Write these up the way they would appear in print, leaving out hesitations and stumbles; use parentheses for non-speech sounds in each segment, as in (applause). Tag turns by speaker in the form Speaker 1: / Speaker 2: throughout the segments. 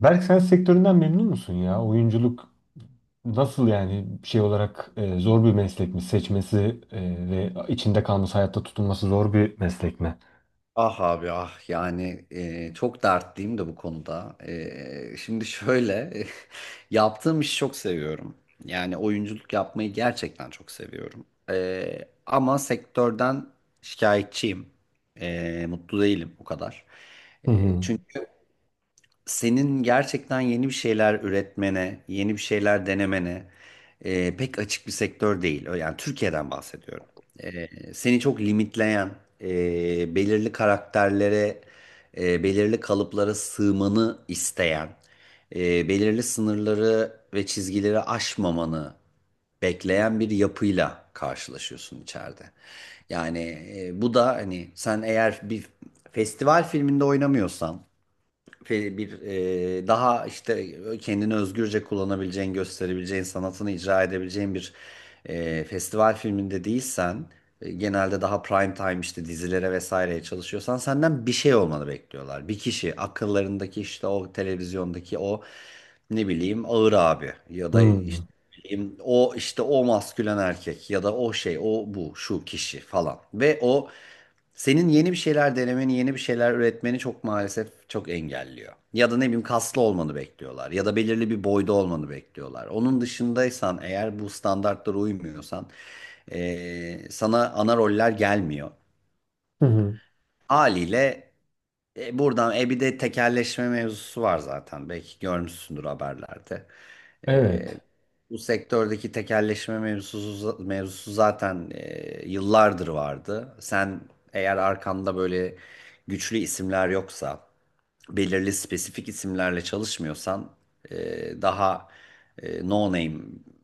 Speaker 1: Berk sen sektöründen memnun musun ya? Oyunculuk nasıl yani şey olarak zor bir meslek mi? Seçmesi ve içinde kalması, hayatta tutunması zor bir meslek mi?
Speaker 2: Ah abi ah yani çok dertliyim de bu konuda. Şimdi şöyle (laughs) yaptığım işi çok seviyorum. Yani oyunculuk yapmayı gerçekten çok seviyorum. Ama sektörden şikayetçiyim. Mutlu değilim o kadar.
Speaker 1: Hı
Speaker 2: E,
Speaker 1: hı.
Speaker 2: çünkü senin gerçekten yeni bir şeyler üretmene, yeni bir şeyler denemene pek açık bir sektör değil. Yani Türkiye'den bahsediyorum. E, seni çok limitleyen, belirli karakterlere, belirli kalıplara sığmanı isteyen, belirli sınırları ve çizgileri aşmamanı bekleyen bir yapıyla karşılaşıyorsun içeride. Yani bu da hani sen eğer bir festival filminde oynamıyorsan bir daha işte kendini özgürce kullanabileceğin, gösterebileceğin, sanatını icra edebileceğin bir festival filminde değilsen, genelde daha prime time işte dizilere vesaireye çalışıyorsan senden bir şey olmanı bekliyorlar. Bir kişi akıllarındaki işte o televizyondaki o ne bileyim Ağır abi ya
Speaker 1: Hı
Speaker 2: da
Speaker 1: hı.
Speaker 2: işte o işte o maskülen erkek ya da o şey o bu şu kişi falan. Ve o senin yeni bir şeyler denemeni, yeni bir şeyler üretmeni çok maalesef çok engelliyor. Ya da ne bileyim kaslı olmanı bekliyorlar ya da belirli bir boyda olmanı bekliyorlar. Onun dışındaysan eğer bu standartlara uymuyorsan sana ana roller gelmiyor.
Speaker 1: Hı hı.
Speaker 2: Haliyle buradan bir de tekelleşme mevzusu var zaten. Belki görmüşsündür haberlerde.
Speaker 1: Evet.
Speaker 2: Bu sektördeki tekelleşme mevzusu zaten yıllardır vardı. Sen eğer arkanda böyle güçlü isimler yoksa, belirli spesifik isimlerle çalışmıyorsan, daha no name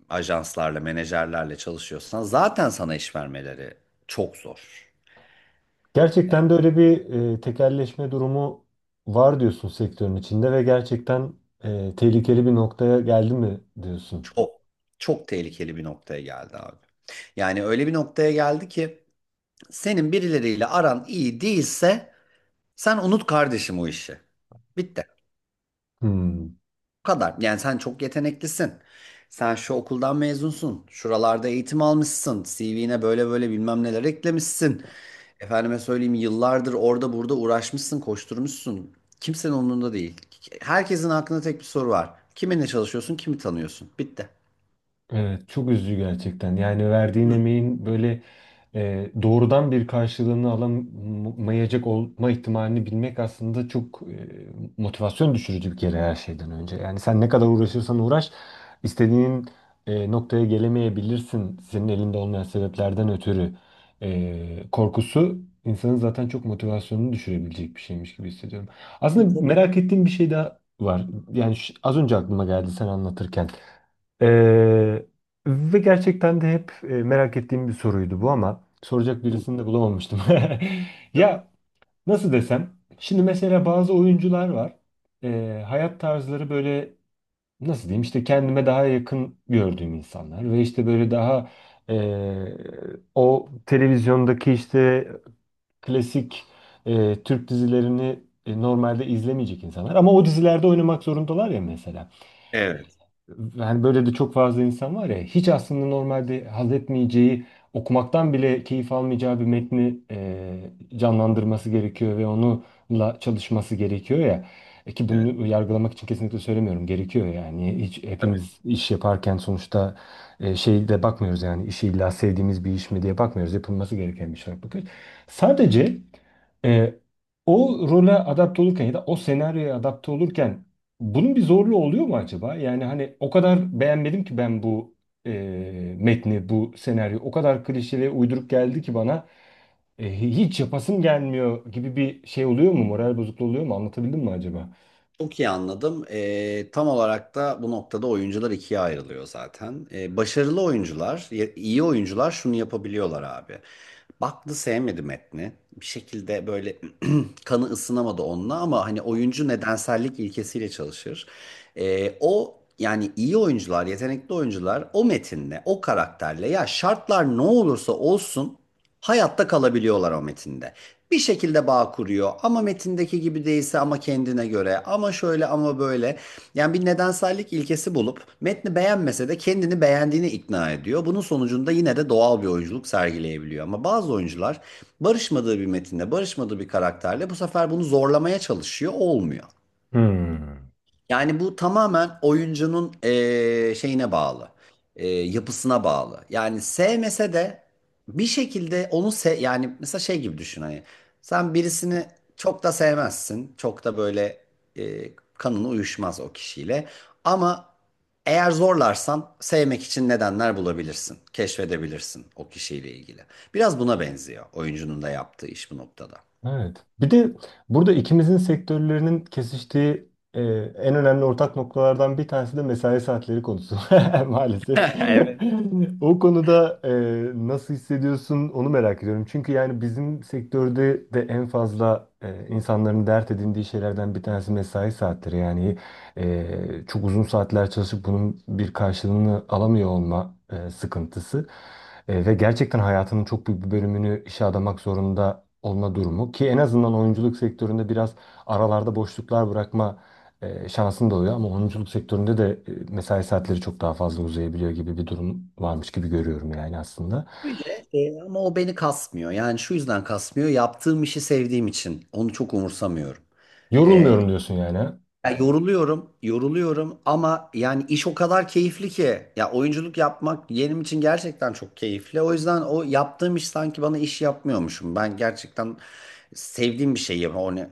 Speaker 2: ajanslarla, menajerlerle çalışıyorsan zaten sana iş vermeleri çok zor.
Speaker 1: Gerçekten de öyle bir tekelleşme durumu var diyorsun sektörün içinde ve gerçekten tehlikeli bir noktaya geldi mi diyorsun.
Speaker 2: Çok, çok tehlikeli bir noktaya geldi abi. Yani öyle bir noktaya geldi ki senin birileriyle aran iyi değilse sen unut kardeşim o işi. Bitti.
Speaker 1: Hmm.
Speaker 2: Bu kadar. Yani sen çok yeteneklisin. Sen şu okuldan mezunsun. Şuralarda eğitim almışsın. CV'ne böyle böyle bilmem neler eklemişsin. Efendime söyleyeyim yıllardır orada burada uğraşmışsın, koşturmuşsun. Kimsenin umurunda değil. Herkesin aklında tek bir soru var. Kiminle çalışıyorsun, kimi tanıyorsun? Bitti.
Speaker 1: Evet, çok üzücü gerçekten. Yani verdiğin emeğin böyle doğrudan bir karşılığını alamayacak olma ihtimalini bilmek aslında çok motivasyon düşürücü bir kere her şeyden önce. Yani sen ne kadar uğraşırsan uğraş, istediğin noktaya gelemeyebilirsin senin elinde olmayan sebeplerden ötürü. E, korkusu insanın zaten çok motivasyonunu düşürebilecek bir şeymiş gibi hissediyorum.
Speaker 2: Ben
Speaker 1: Aslında
Speaker 2: tabii.
Speaker 1: merak ettiğim bir şey daha var. Yani az önce aklıma geldi sen anlatırken. Ee, ve gerçekten de hep merak ettiğim bir soruydu bu ama soracak
Speaker 2: Hı.
Speaker 1: birisini de bulamamıştım. (laughs) Ya nasıl desem, şimdi mesela bazı oyuncular var. Hayat tarzları böyle nasıl diyeyim işte kendime daha yakın gördüğüm insanlar ve işte böyle daha e, o televizyondaki işte klasik Türk dizilerini normalde izlemeyecek insanlar ama o dizilerde oynamak zorundalar ya mesela.
Speaker 2: Evet.
Speaker 1: Hani böyle de çok fazla insan var ya hiç aslında normalde haz etmeyeceği okumaktan bile keyif almayacağı bir metni canlandırması gerekiyor ve onunla çalışması gerekiyor ya. E ki
Speaker 2: Evet.
Speaker 1: bunu yargılamak için kesinlikle söylemiyorum. Gerekiyor yani. Hiç hepimiz iş yaparken sonuçta şey de bakmıyoruz yani işi illa sevdiğimiz bir iş mi diye bakmıyoruz. Yapılması gereken bir şey olarak bakıyoruz. Sadece e, o role adapte olurken ya da o senaryoya adapte olurken bunun bir zorluğu oluyor mu acaba? Yani hani o kadar beğenmedim ki ben bu e, metni, bu senaryo. O kadar klişe ve uyduruk geldi ki bana hiç yapasım gelmiyor gibi bir şey oluyor mu? Moral bozukluğu oluyor mu? Anlatabildim mi acaba?
Speaker 2: Çok iyi anladım. Tam olarak da bu noktada oyuncular ikiye ayrılıyor zaten. Başarılı oyuncular, iyi oyuncular şunu yapabiliyorlar abi. Baktı sevmedi metni. Bir şekilde böyle (clears throat) kanı ısınamadı onunla ama hani oyuncu nedensellik ilkesiyle çalışır. O yani iyi oyuncular, yetenekli oyuncular o metinle, o karakterle ya şartlar ne olursa olsun hayatta kalabiliyorlar o metinde bir şekilde bağ kuruyor. Ama metindeki gibi değilse ama kendine göre ama şöyle ama böyle. Yani bir nedensellik ilkesi bulup metni beğenmese de kendini beğendiğini ikna ediyor. Bunun sonucunda yine de doğal bir oyunculuk sergileyebiliyor. Ama bazı oyuncular barışmadığı bir metinde, barışmadığı bir karakterle bu sefer bunu zorlamaya çalışıyor, olmuyor.
Speaker 1: Hmm.
Speaker 2: Yani bu tamamen oyuncunun şeyine bağlı, yapısına bağlı. Yani sevmese de bir şekilde onu yani mesela şey gibi düşün hani sen birisini çok da sevmezsin, çok da böyle kanını uyuşmaz o kişiyle ama eğer zorlarsan sevmek için nedenler bulabilirsin, keşfedebilirsin o kişiyle ilgili. Biraz buna benziyor oyuncunun da yaptığı iş bu noktada.
Speaker 1: Evet. Bir de burada ikimizin sektörlerinin kesiştiği e, en önemli ortak noktalardan bir tanesi de mesai saatleri konusu (laughs) maalesef. (laughs) O konuda nasıl hissediyorsun onu merak ediyorum. Çünkü yani bizim sektörde de en fazla insanların dert edindiği şeylerden bir tanesi mesai saatleri. Yani çok uzun saatler çalışıp bunun bir karşılığını alamıyor olma sıkıntısı. Ve gerçekten hayatının çok büyük bir bölümünü işe adamak zorunda olma durumu ki en azından oyunculuk sektöründe biraz aralarda boşluklar bırakma şansın da oluyor ama oyunculuk sektöründe de mesai saatleri çok daha fazla uzayabiliyor gibi bir durum varmış gibi görüyorum yani aslında.
Speaker 2: Öyle ama o beni kasmıyor. Yani şu yüzden kasmıyor. Yaptığım işi sevdiğim için onu çok umursamıyorum. E,
Speaker 1: Yorulmuyorum diyorsun yani. Ha?
Speaker 2: ya yoruluyorum, yoruluyorum ama yani iş o kadar keyifli ki. Ya oyunculuk yapmak benim için gerçekten çok keyifli. O yüzden o yaptığım iş sanki bana iş yapmıyormuşum. Ben gerçekten sevdiğim bir şey yapıyorum.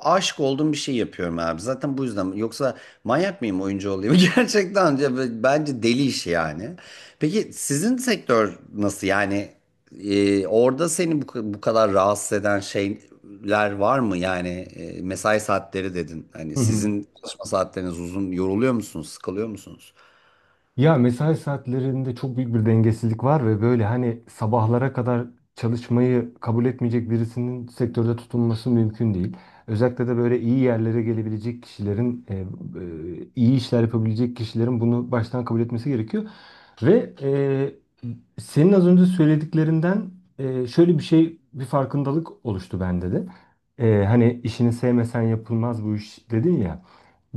Speaker 2: Aşık olduğum bir şey yapıyorum abi. Zaten bu yüzden. Yoksa manyak mıyım oyuncu olayım? (laughs) Gerçekten ya bence deli iş yani. Peki sizin sektör nasıl? Yani orada seni bu kadar rahatsız eden şeyler var mı? Yani mesai saatleri dedin. Hani
Speaker 1: Hı hı.
Speaker 2: sizin çalışma saatleriniz uzun. Yoruluyor musunuz? Sıkılıyor musunuz?
Speaker 1: Ya mesai saatlerinde çok büyük bir dengesizlik var ve böyle hani sabahlara kadar çalışmayı kabul etmeyecek birisinin sektörde tutunması mümkün değil. Özellikle de böyle iyi yerlere gelebilecek kişilerin, iyi işler yapabilecek kişilerin bunu baştan kabul etmesi gerekiyor. Ve senin az önce söylediklerinden şöyle bir şey, bir farkındalık oluştu bende de. Hani işini sevmesen yapılmaz bu iş dedin ya.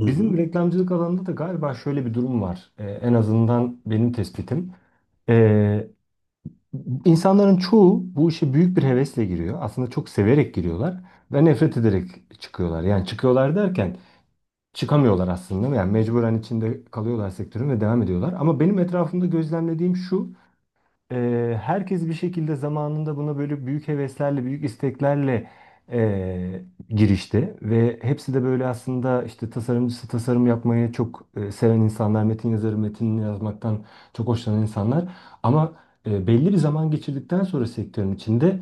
Speaker 2: Hı hı.
Speaker 1: reklamcılık alanında da galiba şöyle bir durum var. En azından benim tespitim. Ee, insanların çoğu bu işe büyük bir hevesle giriyor. Aslında çok severek giriyorlar ve nefret ederek çıkıyorlar. Yani çıkıyorlar derken çıkamıyorlar aslında. Yani mecburen içinde kalıyorlar sektörün ve devam ediyorlar. Ama benim etrafımda gözlemlediğim şu. Herkes bir şekilde zamanında buna böyle büyük heveslerle, büyük isteklerle eee, girişti ve hepsi de böyle aslında işte tasarımcısı tasarım yapmayı çok seven insanlar, metin yazarı metinini yazmaktan çok hoşlanan insanlar ama belli bir zaman geçirdikten sonra sektörün içinde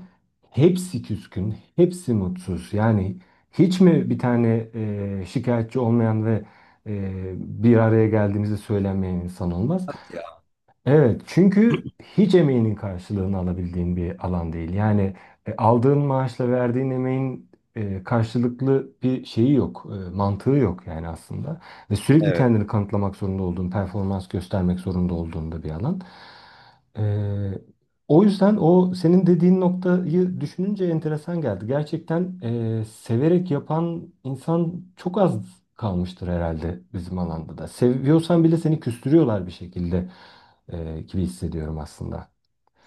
Speaker 1: hepsi küskün, hepsi mutsuz. Yani hiç mi bir tane şikayetçi olmayan ve e, bir araya geldiğimizde söylenmeyen insan olmaz?
Speaker 2: Ya,
Speaker 1: Evet, çünkü hiç emeğinin karşılığını alabildiğin bir alan değil. Yani aldığın maaşla verdiğin emeğin karşılıklı bir şeyi yok, mantığı yok yani aslında. Ve sürekli
Speaker 2: evet.
Speaker 1: kendini kanıtlamak zorunda olduğun, performans göstermek zorunda olduğun da bir alan. E, o yüzden o senin dediğin noktayı düşününce enteresan geldi. Gerçekten severek yapan insan çok az kalmıştır herhalde bizim alanda da. Seviyorsan bile seni küstürüyorlar bir şekilde gibi hissediyorum aslında.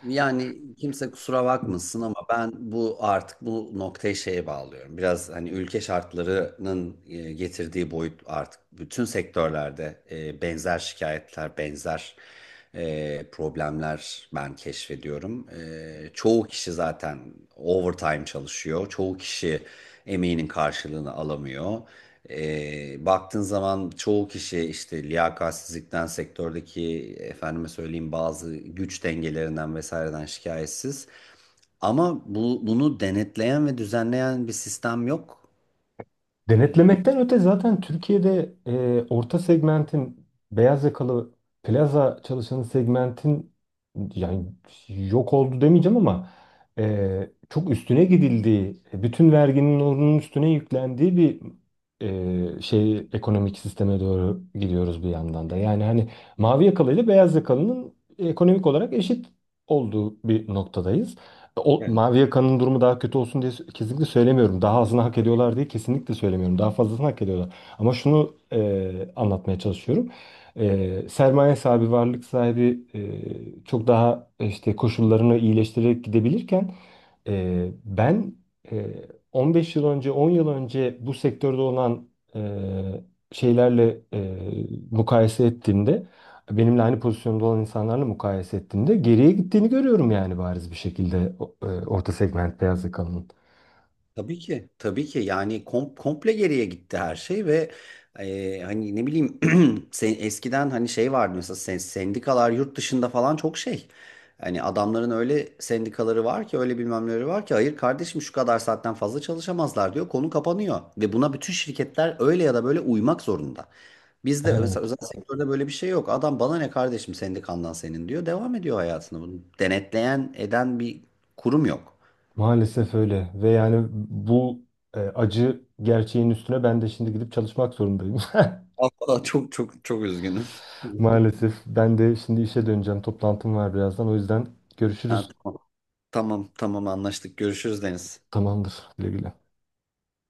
Speaker 2: Yani kimse kusura bakmasın ama ben bu artık bu noktayı şeye bağlıyorum. Biraz hani ülke şartlarının getirdiği boyut artık bütün sektörlerde benzer şikayetler, benzer problemler ben keşfediyorum. Çoğu kişi zaten overtime çalışıyor. Çoğu kişi emeğinin karşılığını alamıyor. Baktığın zaman çoğu kişi işte liyakatsizlikten, sektördeki efendime söyleyeyim bazı güç dengelerinden vesaireden şikayetsiz. Ama bunu denetleyen ve düzenleyen bir sistem yok. Ee,
Speaker 1: Denetlemekten öte zaten Türkiye'de orta segmentin beyaz yakalı plaza çalışanı segmentin yani yok oldu demeyeceğim ama çok üstüne gidildiği, bütün verginin onun üstüne yüklendiği bir şey ekonomik sisteme doğru gidiyoruz bir yandan da. Yani hani mavi yakalı ile beyaz yakalının ekonomik olarak eşit olduğu bir noktadayız. O,
Speaker 2: Evet.
Speaker 1: Mavi Yaka'nın durumu daha kötü olsun diye kesinlikle söylemiyorum. Daha azını hak ediyorlar diye kesinlikle söylemiyorum. Daha fazlasını hak ediyorlar. Ama şunu anlatmaya çalışıyorum. Sermaye sahibi, varlık sahibi çok daha işte koşullarını iyileştirerek gidebilirken ben e, 15 yıl önce, 10 yıl önce bu sektörde olan e, şeylerle mukayese ettiğimde benimle aynı pozisyonda olan insanlarla mukayese ettiğimde geriye gittiğini görüyorum yani bariz bir şekilde orta segment beyaz yakalının.
Speaker 2: Tabii ki. Tabii ki yani komple geriye gitti her şey ve hani ne bileyim. Sen, eskiden hani şey vardı mesela sen, sendikalar yurt dışında falan çok şey. Hani adamların öyle sendikaları var ki öyle bilmem neleri var ki hayır kardeşim şu kadar saatten fazla çalışamazlar diyor konu kapanıyor. Ve buna bütün şirketler öyle ya da böyle uymak zorunda. Bizde mesela
Speaker 1: Evet,
Speaker 2: özel sektörde böyle bir şey yok. Adam bana ne kardeşim sendikandan senin diyor devam ediyor hayatını. Bunu denetleyen eden bir kurum yok.
Speaker 1: maalesef öyle ve yani bu acı gerçeğin üstüne ben de şimdi gidip çalışmak zorundayım.
Speaker 2: Vallahi çok çok çok üzgünüm.
Speaker 1: (laughs)
Speaker 2: (laughs)
Speaker 1: Maalesef ben de şimdi işe döneceğim. Toplantım var birazdan. O yüzden
Speaker 2: Ha,
Speaker 1: görüşürüz.
Speaker 2: tamam tamam tamam anlaştık görüşürüz Deniz.
Speaker 1: Tamamdır. Güle güle.